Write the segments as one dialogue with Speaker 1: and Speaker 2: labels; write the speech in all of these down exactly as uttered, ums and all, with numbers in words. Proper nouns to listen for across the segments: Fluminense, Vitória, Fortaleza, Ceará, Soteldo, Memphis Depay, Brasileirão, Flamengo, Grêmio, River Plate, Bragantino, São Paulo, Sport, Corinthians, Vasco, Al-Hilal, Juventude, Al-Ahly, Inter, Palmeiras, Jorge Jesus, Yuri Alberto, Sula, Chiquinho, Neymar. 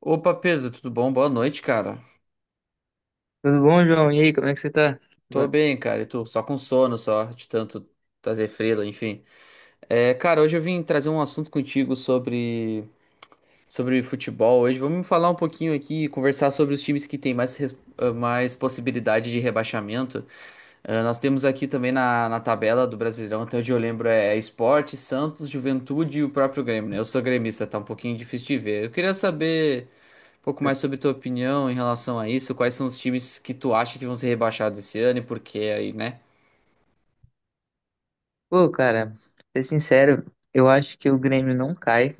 Speaker 1: Opa, Pedro, tudo bom? Boa noite, cara.
Speaker 2: Tudo bom, João? E aí, como é que você tá?
Speaker 1: Tô
Speaker 2: Va-
Speaker 1: bem, cara. E tu? Só com sono, só, de tanto trazer frila, enfim. É, cara, hoje eu vim trazer um assunto contigo sobre, sobre futebol. Hoje vamos falar um pouquinho aqui, e conversar sobre os times que têm mais, res- ah, mais possibilidade de rebaixamento. Ah, nós temos aqui também na, na tabela do Brasileirão, até onde eu lembro, é é Sport, Santos, Juventude e o próprio Grêmio, né? Eu sou gremista, tá um pouquinho difícil de ver. Eu queria saber um pouco mais sobre tua opinião em relação a isso. Quais são os times que tu acha que vão ser rebaixados esse ano e por quê aí, né?
Speaker 2: Pô, cara, pra ser sincero, eu acho que o Grêmio não cai,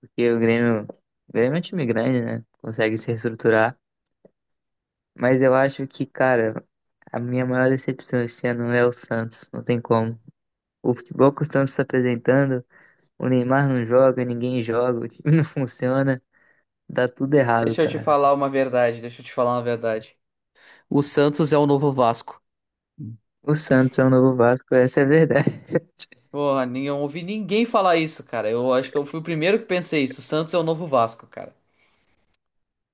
Speaker 2: porque o Grêmio, o Grêmio é um time grande, né? Consegue se reestruturar. Mas eu acho que, cara, a minha maior decepção esse ano é o Santos, não tem como. O futebol que o Santos tá apresentando, o Neymar não joga, ninguém joga, o time não funciona, dá tudo errado,
Speaker 1: Deixa eu te
Speaker 2: cara.
Speaker 1: falar uma verdade, deixa eu te falar uma verdade. O Santos é o novo Vasco.
Speaker 2: O Santos é o novo Vasco, essa é a verdade.
Speaker 1: Porra, nem- eu ouvi ninguém falar isso, cara. Eu acho que eu fui o primeiro que pensei isso. O Santos é o novo Vasco, cara.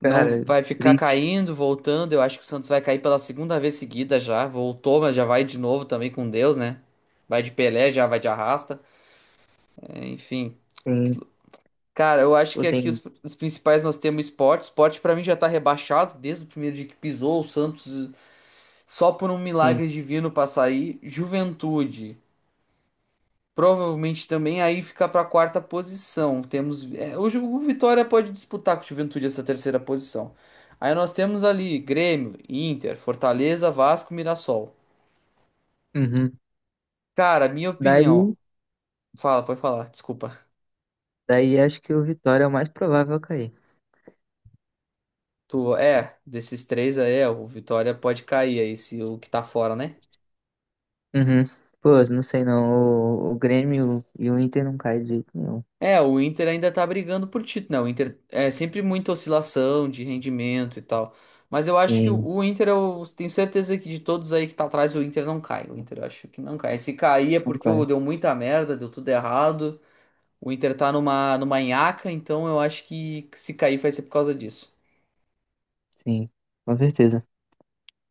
Speaker 1: Não vai ficar
Speaker 2: triste.
Speaker 1: caindo, voltando. Eu acho que o Santos vai cair pela segunda vez seguida já. Voltou, mas já vai de novo também com Deus, né? Vai de Pelé, já vai de arrasta. É, Enfim,
Speaker 2: Sim,
Speaker 1: Cara, eu acho que
Speaker 2: eu
Speaker 1: aqui
Speaker 2: tenho
Speaker 1: os, os principais nós temos esporte. Esporte pra mim já tá rebaixado desde o primeiro dia que pisou. O Santos só por um
Speaker 2: sim.
Speaker 1: milagre divino pra sair. Juventude. Provavelmente também aí fica pra quarta posição. Temos é, hoje o Vitória pode disputar com o Juventude essa terceira posição. Aí nós temos ali Grêmio, Inter, Fortaleza, Vasco, Mirassol.
Speaker 2: Uhum.
Speaker 1: Cara, minha opinião.
Speaker 2: Daí.
Speaker 1: Fala, pode falar, desculpa.
Speaker 2: Daí acho que o Vitória é o mais provável a cair.
Speaker 1: Tu é, desses três aí, é, o Vitória pode cair aí, se o que tá fora, né?
Speaker 2: Uhum. Pô, não sei não. O, o Grêmio e o Inter não caem de jeito nenhum.
Speaker 1: É, o Inter ainda tá brigando por título, né? O Inter é sempre muita oscilação de rendimento e tal. Mas eu acho que o
Speaker 2: Sim,
Speaker 1: o Inter, eu tenho certeza que de todos aí que tá atrás, o Inter não cai. O Inter eu acho que não cai. Se cair é
Speaker 2: não
Speaker 1: porque ô,
Speaker 2: cai.
Speaker 1: deu muita merda, deu tudo errado. O Inter tá numa, numa nhaca, então eu acho que se cair vai ser por causa disso.
Speaker 2: Sim, com certeza.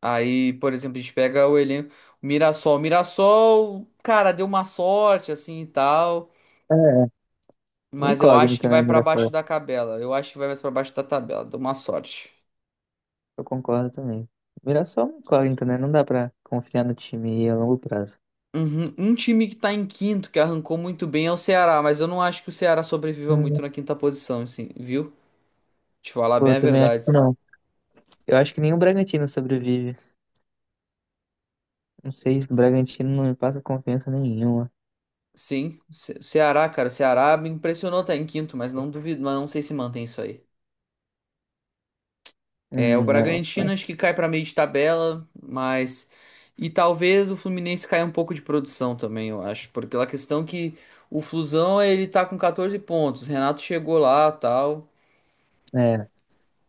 Speaker 1: Aí, por exemplo, a gente pega o elenco, o Mirassol. O Mirassol, cara, deu uma sorte assim e tal.
Speaker 2: É, uma
Speaker 1: Mas eu acho que
Speaker 2: incógnita, né,
Speaker 1: vai
Speaker 2: o
Speaker 1: pra baixo
Speaker 2: Mirassol?
Speaker 1: da tabela. Eu acho que vai mais pra baixo da tabela. Deu uma sorte.
Speaker 2: Eu concordo também. O Mirassol é uma incógnita, né? Não dá pra confiar no time a longo prazo.
Speaker 1: Uhum. Um time que tá em quinto, que arrancou muito bem, é o Ceará, mas eu não acho que o Ceará sobreviva muito
Speaker 2: Hum.
Speaker 1: na quinta posição, assim, viu? Te falar
Speaker 2: Pô,
Speaker 1: bem
Speaker 2: eu
Speaker 1: a
Speaker 2: também acho
Speaker 1: verdade.
Speaker 2: que não. Eu acho que nem o Bragantino sobrevive. Não sei, o Bragantino não me passa confiança nenhuma.
Speaker 1: Sim, Ce- Ceará, cara, o Ceará me impressionou tá em quinto, mas não duvido, mas não sei se mantém isso aí. É, o
Speaker 2: Hum, eu-
Speaker 1: Bragantino acho que cai pra meio de tabela, mas e talvez o Fluminense caia um pouco de produção também, eu acho, porque a questão que o Flusão, ele tá com quatorze pontos, o Renato chegou lá, tal.
Speaker 2: é.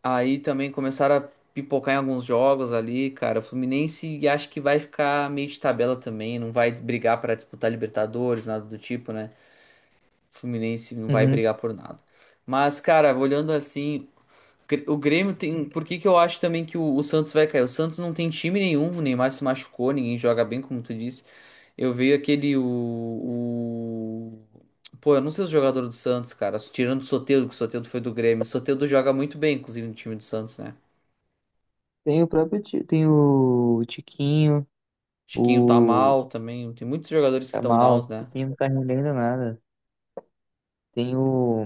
Speaker 1: Aí também começaram a pipocar em alguns jogos ali, cara. O Fluminense acho que vai ficar meio de tabela também, não vai brigar pra disputar Libertadores, nada do tipo, né? O Fluminense não vai
Speaker 2: Uhum.
Speaker 1: brigar por nada. Mas, cara, olhando assim, Gr- o Grêmio tem. Por que que eu acho também que o, o Santos vai cair? O Santos não tem time nenhum, o Neymar se machucou, ninguém joga bem, como tu disse. Eu vejo aquele. O, o- Pô, eu não sei os jogadores do Santos, cara. Tirando o Soteldo, que o Soteldo foi do Grêmio. O Soteldo joga muito bem, inclusive, no time do Santos, né?
Speaker 2: Tem o próprio, Ti- tem o Tiquinho,
Speaker 1: Chiquinho tá
Speaker 2: o
Speaker 1: mal também. Tem muitos jogadores que
Speaker 2: Tá
Speaker 1: estão
Speaker 2: mal,
Speaker 1: maus,
Speaker 2: esse
Speaker 1: né?
Speaker 2: time não tá rendendo nada. Tem o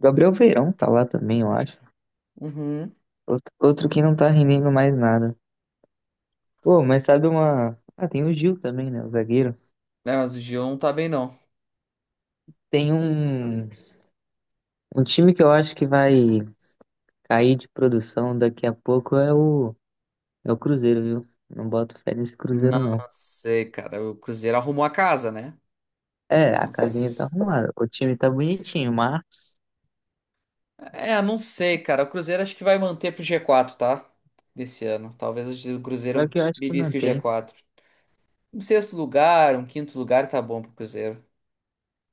Speaker 2: Gabriel Veirão, tá lá também, eu acho.
Speaker 1: Uhum.
Speaker 2: Outro, outro que não tá rendendo mais nada. Pô, mas sabe uma. Ah, tem o Gil também, né? O zagueiro.
Speaker 1: É, mas o Gil não tá bem, não.
Speaker 2: Tem um, um time que eu acho que vai cair de produção daqui a pouco é o, é o Cruzeiro, viu? Não boto fé nesse Cruzeiro,
Speaker 1: Não
Speaker 2: não.
Speaker 1: sei, cara. O Cruzeiro arrumou a casa, né?
Speaker 2: É, a
Speaker 1: Não
Speaker 2: casinha tá
Speaker 1: s-
Speaker 2: arrumada. O time tá bonitinho, mas
Speaker 1: É, não sei, cara. O Cruzeiro acho que vai manter pro G quatro, tá? Desse ano. Talvez o
Speaker 2: só
Speaker 1: Cruzeiro
Speaker 2: que eu acho que
Speaker 1: belisque o
Speaker 2: mantém,
Speaker 1: G quatro. Um sexto lugar, um quinto lugar tá bom pro Cruzeiro.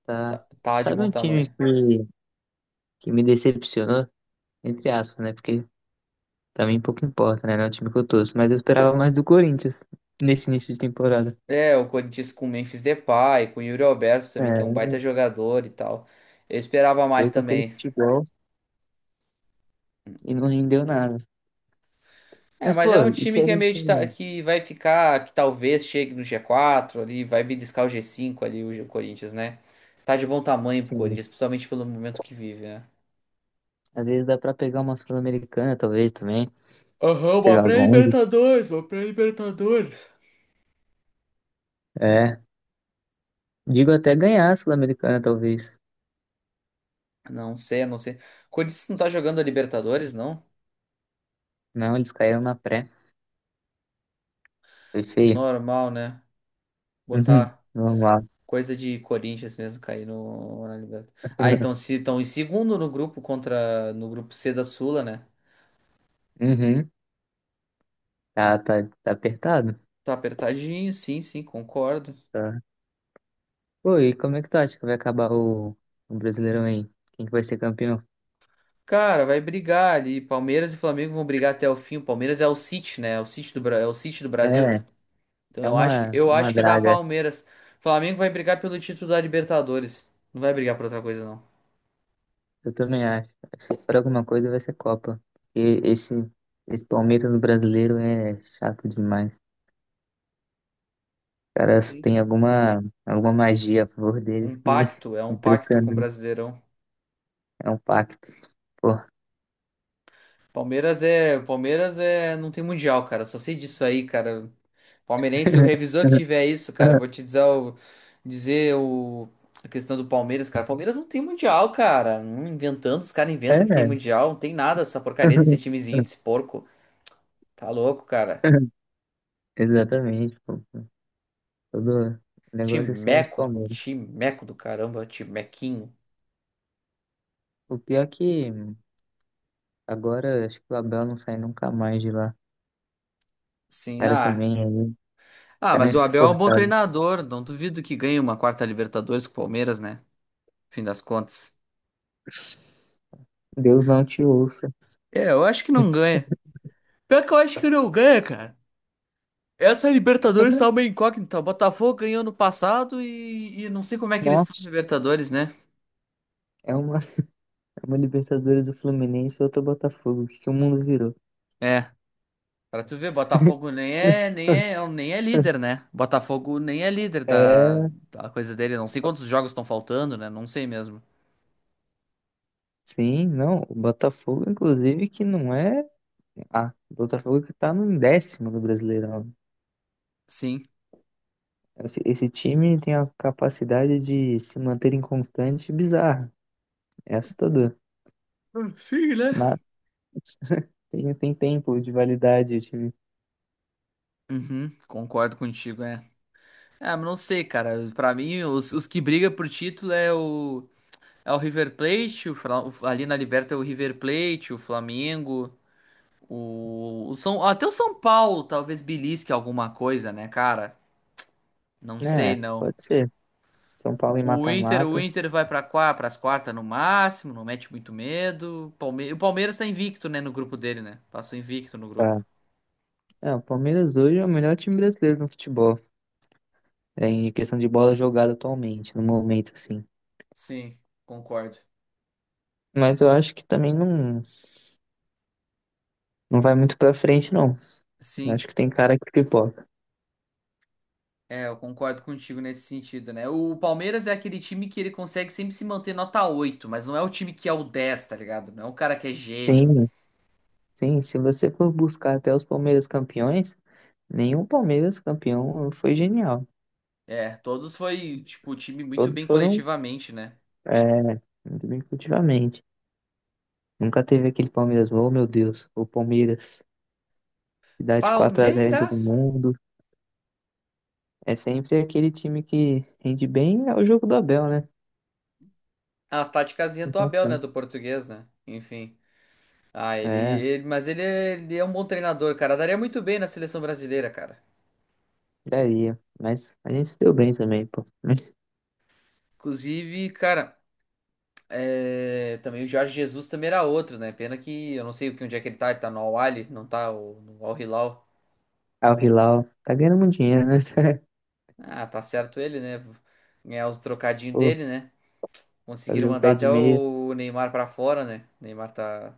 Speaker 2: tá?
Speaker 1: Tá, tá de
Speaker 2: Sabe
Speaker 1: bom
Speaker 2: um time
Speaker 1: tamanho.
Speaker 2: que, que me decepcionou? Entre aspas, né? Porque também pouco importa, né? Não é o time que eu torço. Mas eu esperava mais do Corinthians nesse início de temporada.
Speaker 1: É, o Corinthians com o Memphis Depay, com o Yuri Alberto também, que é um
Speaker 2: É,
Speaker 1: baita jogador e tal. Eu esperava mais
Speaker 2: veio com aquele
Speaker 1: também.
Speaker 2: futebol e não rendeu nada.
Speaker 1: É,
Speaker 2: Mas,
Speaker 1: mas
Speaker 2: pô,
Speaker 1: é um
Speaker 2: e se
Speaker 1: time
Speaker 2: a
Speaker 1: que é
Speaker 2: gente.
Speaker 1: meio de ta- que vai ficar, que talvez chegue no G quatro ali, vai beliscar o G cinco ali, o G- Corinthians, né? Tá de bom tamanho pro
Speaker 2: Assim,
Speaker 1: Corinthians, principalmente pelo momento que vive, né?
Speaker 2: às vezes dá pra pegar uma Sul-Americana, talvez também.
Speaker 1: Aham, uma
Speaker 2: Chegar longe.
Speaker 1: pré-Libertadores, uma pré-Libertadores.
Speaker 2: É. Digo até ganhar a Sul-Americana, talvez.
Speaker 1: Não sei, não sei. Corinthians não tá jogando a Libertadores, não?
Speaker 2: Não, eles caíram na pré. Foi feio.
Speaker 1: Normal, né?
Speaker 2: Uhum.
Speaker 1: Botar
Speaker 2: Normal.
Speaker 1: coisa de Corinthians mesmo cair no na Libertadores. Ah, então se estão em segundo no grupo contra no grupo C da Sula, né?
Speaker 2: Uhum. Tá, tá, tá apertado.
Speaker 1: Tá apertadinho, sim, sim, concordo.
Speaker 2: Tá. Pô, e como é que tu acha que vai acabar o, o Brasileirão aí? Quem que vai ser campeão?
Speaker 1: Cara, vai brigar ali. Palmeiras e Flamengo vão brigar até o fim. O Palmeiras é o City, né? É o City do, Bra- é o City do Brasil,
Speaker 2: É,
Speaker 1: né? Então
Speaker 2: é
Speaker 1: eu acho que,
Speaker 2: uma,
Speaker 1: eu
Speaker 2: é uma
Speaker 1: acho que dá
Speaker 2: draga.
Speaker 1: Palmeiras. Flamengo vai brigar pelo título da Libertadores. Não vai brigar por outra coisa, não.
Speaker 2: Eu também acho. Se for alguma coisa, vai ser Copa. E esse, esse Palmeiras do brasileiro é chato demais. Os caras
Speaker 1: Sim.
Speaker 2: têm alguma, alguma magia a favor deles
Speaker 1: Um
Speaker 2: que
Speaker 1: pacto, é
Speaker 2: é
Speaker 1: um pacto com o
Speaker 2: impressionante.
Speaker 1: Brasileirão.
Speaker 2: É um pacto. Pô.
Speaker 1: Palmeiras é, Palmeiras é, não tem mundial, cara. Só sei disso aí, cara. Palmeirense, o revisor que tiver isso, cara, eu vou te dizer o, dizer o, a questão do Palmeiras, cara. Palmeiras não tem mundial, cara. Não inventando, os caras inventam
Speaker 2: É,
Speaker 1: que tem
Speaker 2: né?
Speaker 1: mundial. Não tem nada essa porcaria desse timezinho, desse porco. Tá louco, cara.
Speaker 2: Exatamente, pô. Todo negócio é ser
Speaker 1: Timeco,
Speaker 2: anti-Palmeiras.
Speaker 1: timeco do caramba, timequinho.
Speaker 2: O pior é que agora acho que o Abel não sai nunca mais de lá. O
Speaker 1: Sim,
Speaker 2: cara
Speaker 1: ah.
Speaker 2: também aí. O
Speaker 1: Ah,
Speaker 2: cara é
Speaker 1: mas o Abel é um bom
Speaker 2: insuportável.
Speaker 1: treinador. Não duvido que ganhe uma quarta Libertadores com o Palmeiras, né? Fim das contas.
Speaker 2: Deus não te ouça.
Speaker 1: É, eu acho que não ganha. Pior que eu acho que não ganha, cara. Essa Libertadores tá uma incógnita. O Botafogo ganhou no passado e, e não sei como é que eles estão na
Speaker 2: Nossa,
Speaker 1: Libertadores, né?
Speaker 2: é uma, é uma Libertadores do Fluminense e outra Botafogo. O que que o mundo virou?
Speaker 1: É, pra tu ver, Botafogo nem é, nem é, é um, nem é líder, né? Botafogo nem é líder da,
Speaker 2: É,
Speaker 1: da coisa dele. Não sei quantos jogos estão faltando, né? Não sei mesmo.
Speaker 2: sim, não. O Botafogo, inclusive, que não é. Ah, o Botafogo que tá no décimo do Brasileirão.
Speaker 1: Sim.
Speaker 2: Esse, esse time tem a capacidade de se manter inconstante e bizarra. É assustador.
Speaker 1: Hum, sim, né?
Speaker 2: Mas tem, tem tempo de validade, o time.
Speaker 1: Uhum, concordo contigo, é. Ah, mas não sei, cara. Pra mim, os, os que brigam por título é o, é o River Plate, o, Fla- o- ali na Liberta é o River Plate, o Flamengo. O, o São, até o São Paulo talvez belisque alguma coisa, né, cara? Não sei,
Speaker 2: É,
Speaker 1: não.
Speaker 2: pode ser. São Paulo em
Speaker 1: O o Inter, o
Speaker 2: mata-mata.
Speaker 1: Inter vai para para as quartas no máximo, não mete muito medo. Palme- o Palmeiras tá invicto, né, no grupo dele, né? Passou invicto no grupo.
Speaker 2: Tá. É, o Palmeiras hoje é o melhor time brasileiro no futebol. É, em questão de bola jogada atualmente, no momento, assim.
Speaker 1: Sim, concordo.
Speaker 2: Mas eu acho que também não, não vai muito pra frente, não. Eu
Speaker 1: Sim,
Speaker 2: acho que tem cara que pipoca.
Speaker 1: é, eu concordo contigo nesse sentido, né? O Palmeiras é aquele time que ele consegue sempre se manter nota oito mas não é o time que é o dez, tá ligado? Não é um cara que é gênio.
Speaker 2: Sim, sim. Se você for buscar até os Palmeiras campeões, nenhum Palmeiras campeão foi genial.
Speaker 1: É, todos foi, tipo, time muito
Speaker 2: Todos
Speaker 1: bem
Speaker 2: foram,
Speaker 1: coletivamente, né?
Speaker 2: é, muito bem cultivamente. Nunca teve aquele Palmeiras, oh meu Deus, o Palmeiras que dá de quatro a zero em todo
Speaker 1: Palmeiras.
Speaker 2: mundo. É sempre aquele time que rende bem, é o jogo do Abel, né?
Speaker 1: As taticazinhas do Abel, né?
Speaker 2: Então,
Speaker 1: Do português, né? Enfim. Ah, ele,
Speaker 2: é,
Speaker 1: ele- mas ele é, ele é um bom treinador, cara. Daria muito bem na seleção brasileira, cara.
Speaker 2: daria. Mas a gente se deu bem também, pô.
Speaker 1: Inclusive, cara, é, também o Jorge Jesus também era outro, né? Pena que eu não sei o que onde é que ele tá. Ele tá no Al-Ahly, não tá o- no Al-Hilal.
Speaker 2: Al Hilal tá ganhando muito dinheiro, né?
Speaker 1: Ah, tá certo ele, né? Ganhar os trocadinhos dele, né? Conseguiram
Speaker 2: Fazer o
Speaker 1: mandar
Speaker 2: pé de
Speaker 1: até
Speaker 2: meia.
Speaker 1: o Neymar pra fora, né? O Neymar tá,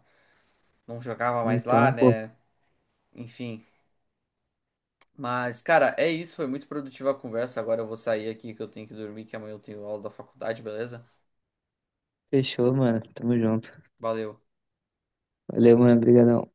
Speaker 1: não jogava mais lá,
Speaker 2: Então, pô,
Speaker 1: né? Enfim. Mas, cara, é isso. Foi muito produtiva a conversa. Agora eu vou sair aqui que eu tenho que dormir, que amanhã eu tenho aula da faculdade, beleza?
Speaker 2: fechou, mano. Tamo junto.
Speaker 1: Valeu.
Speaker 2: Valeu, mano. Obrigadão.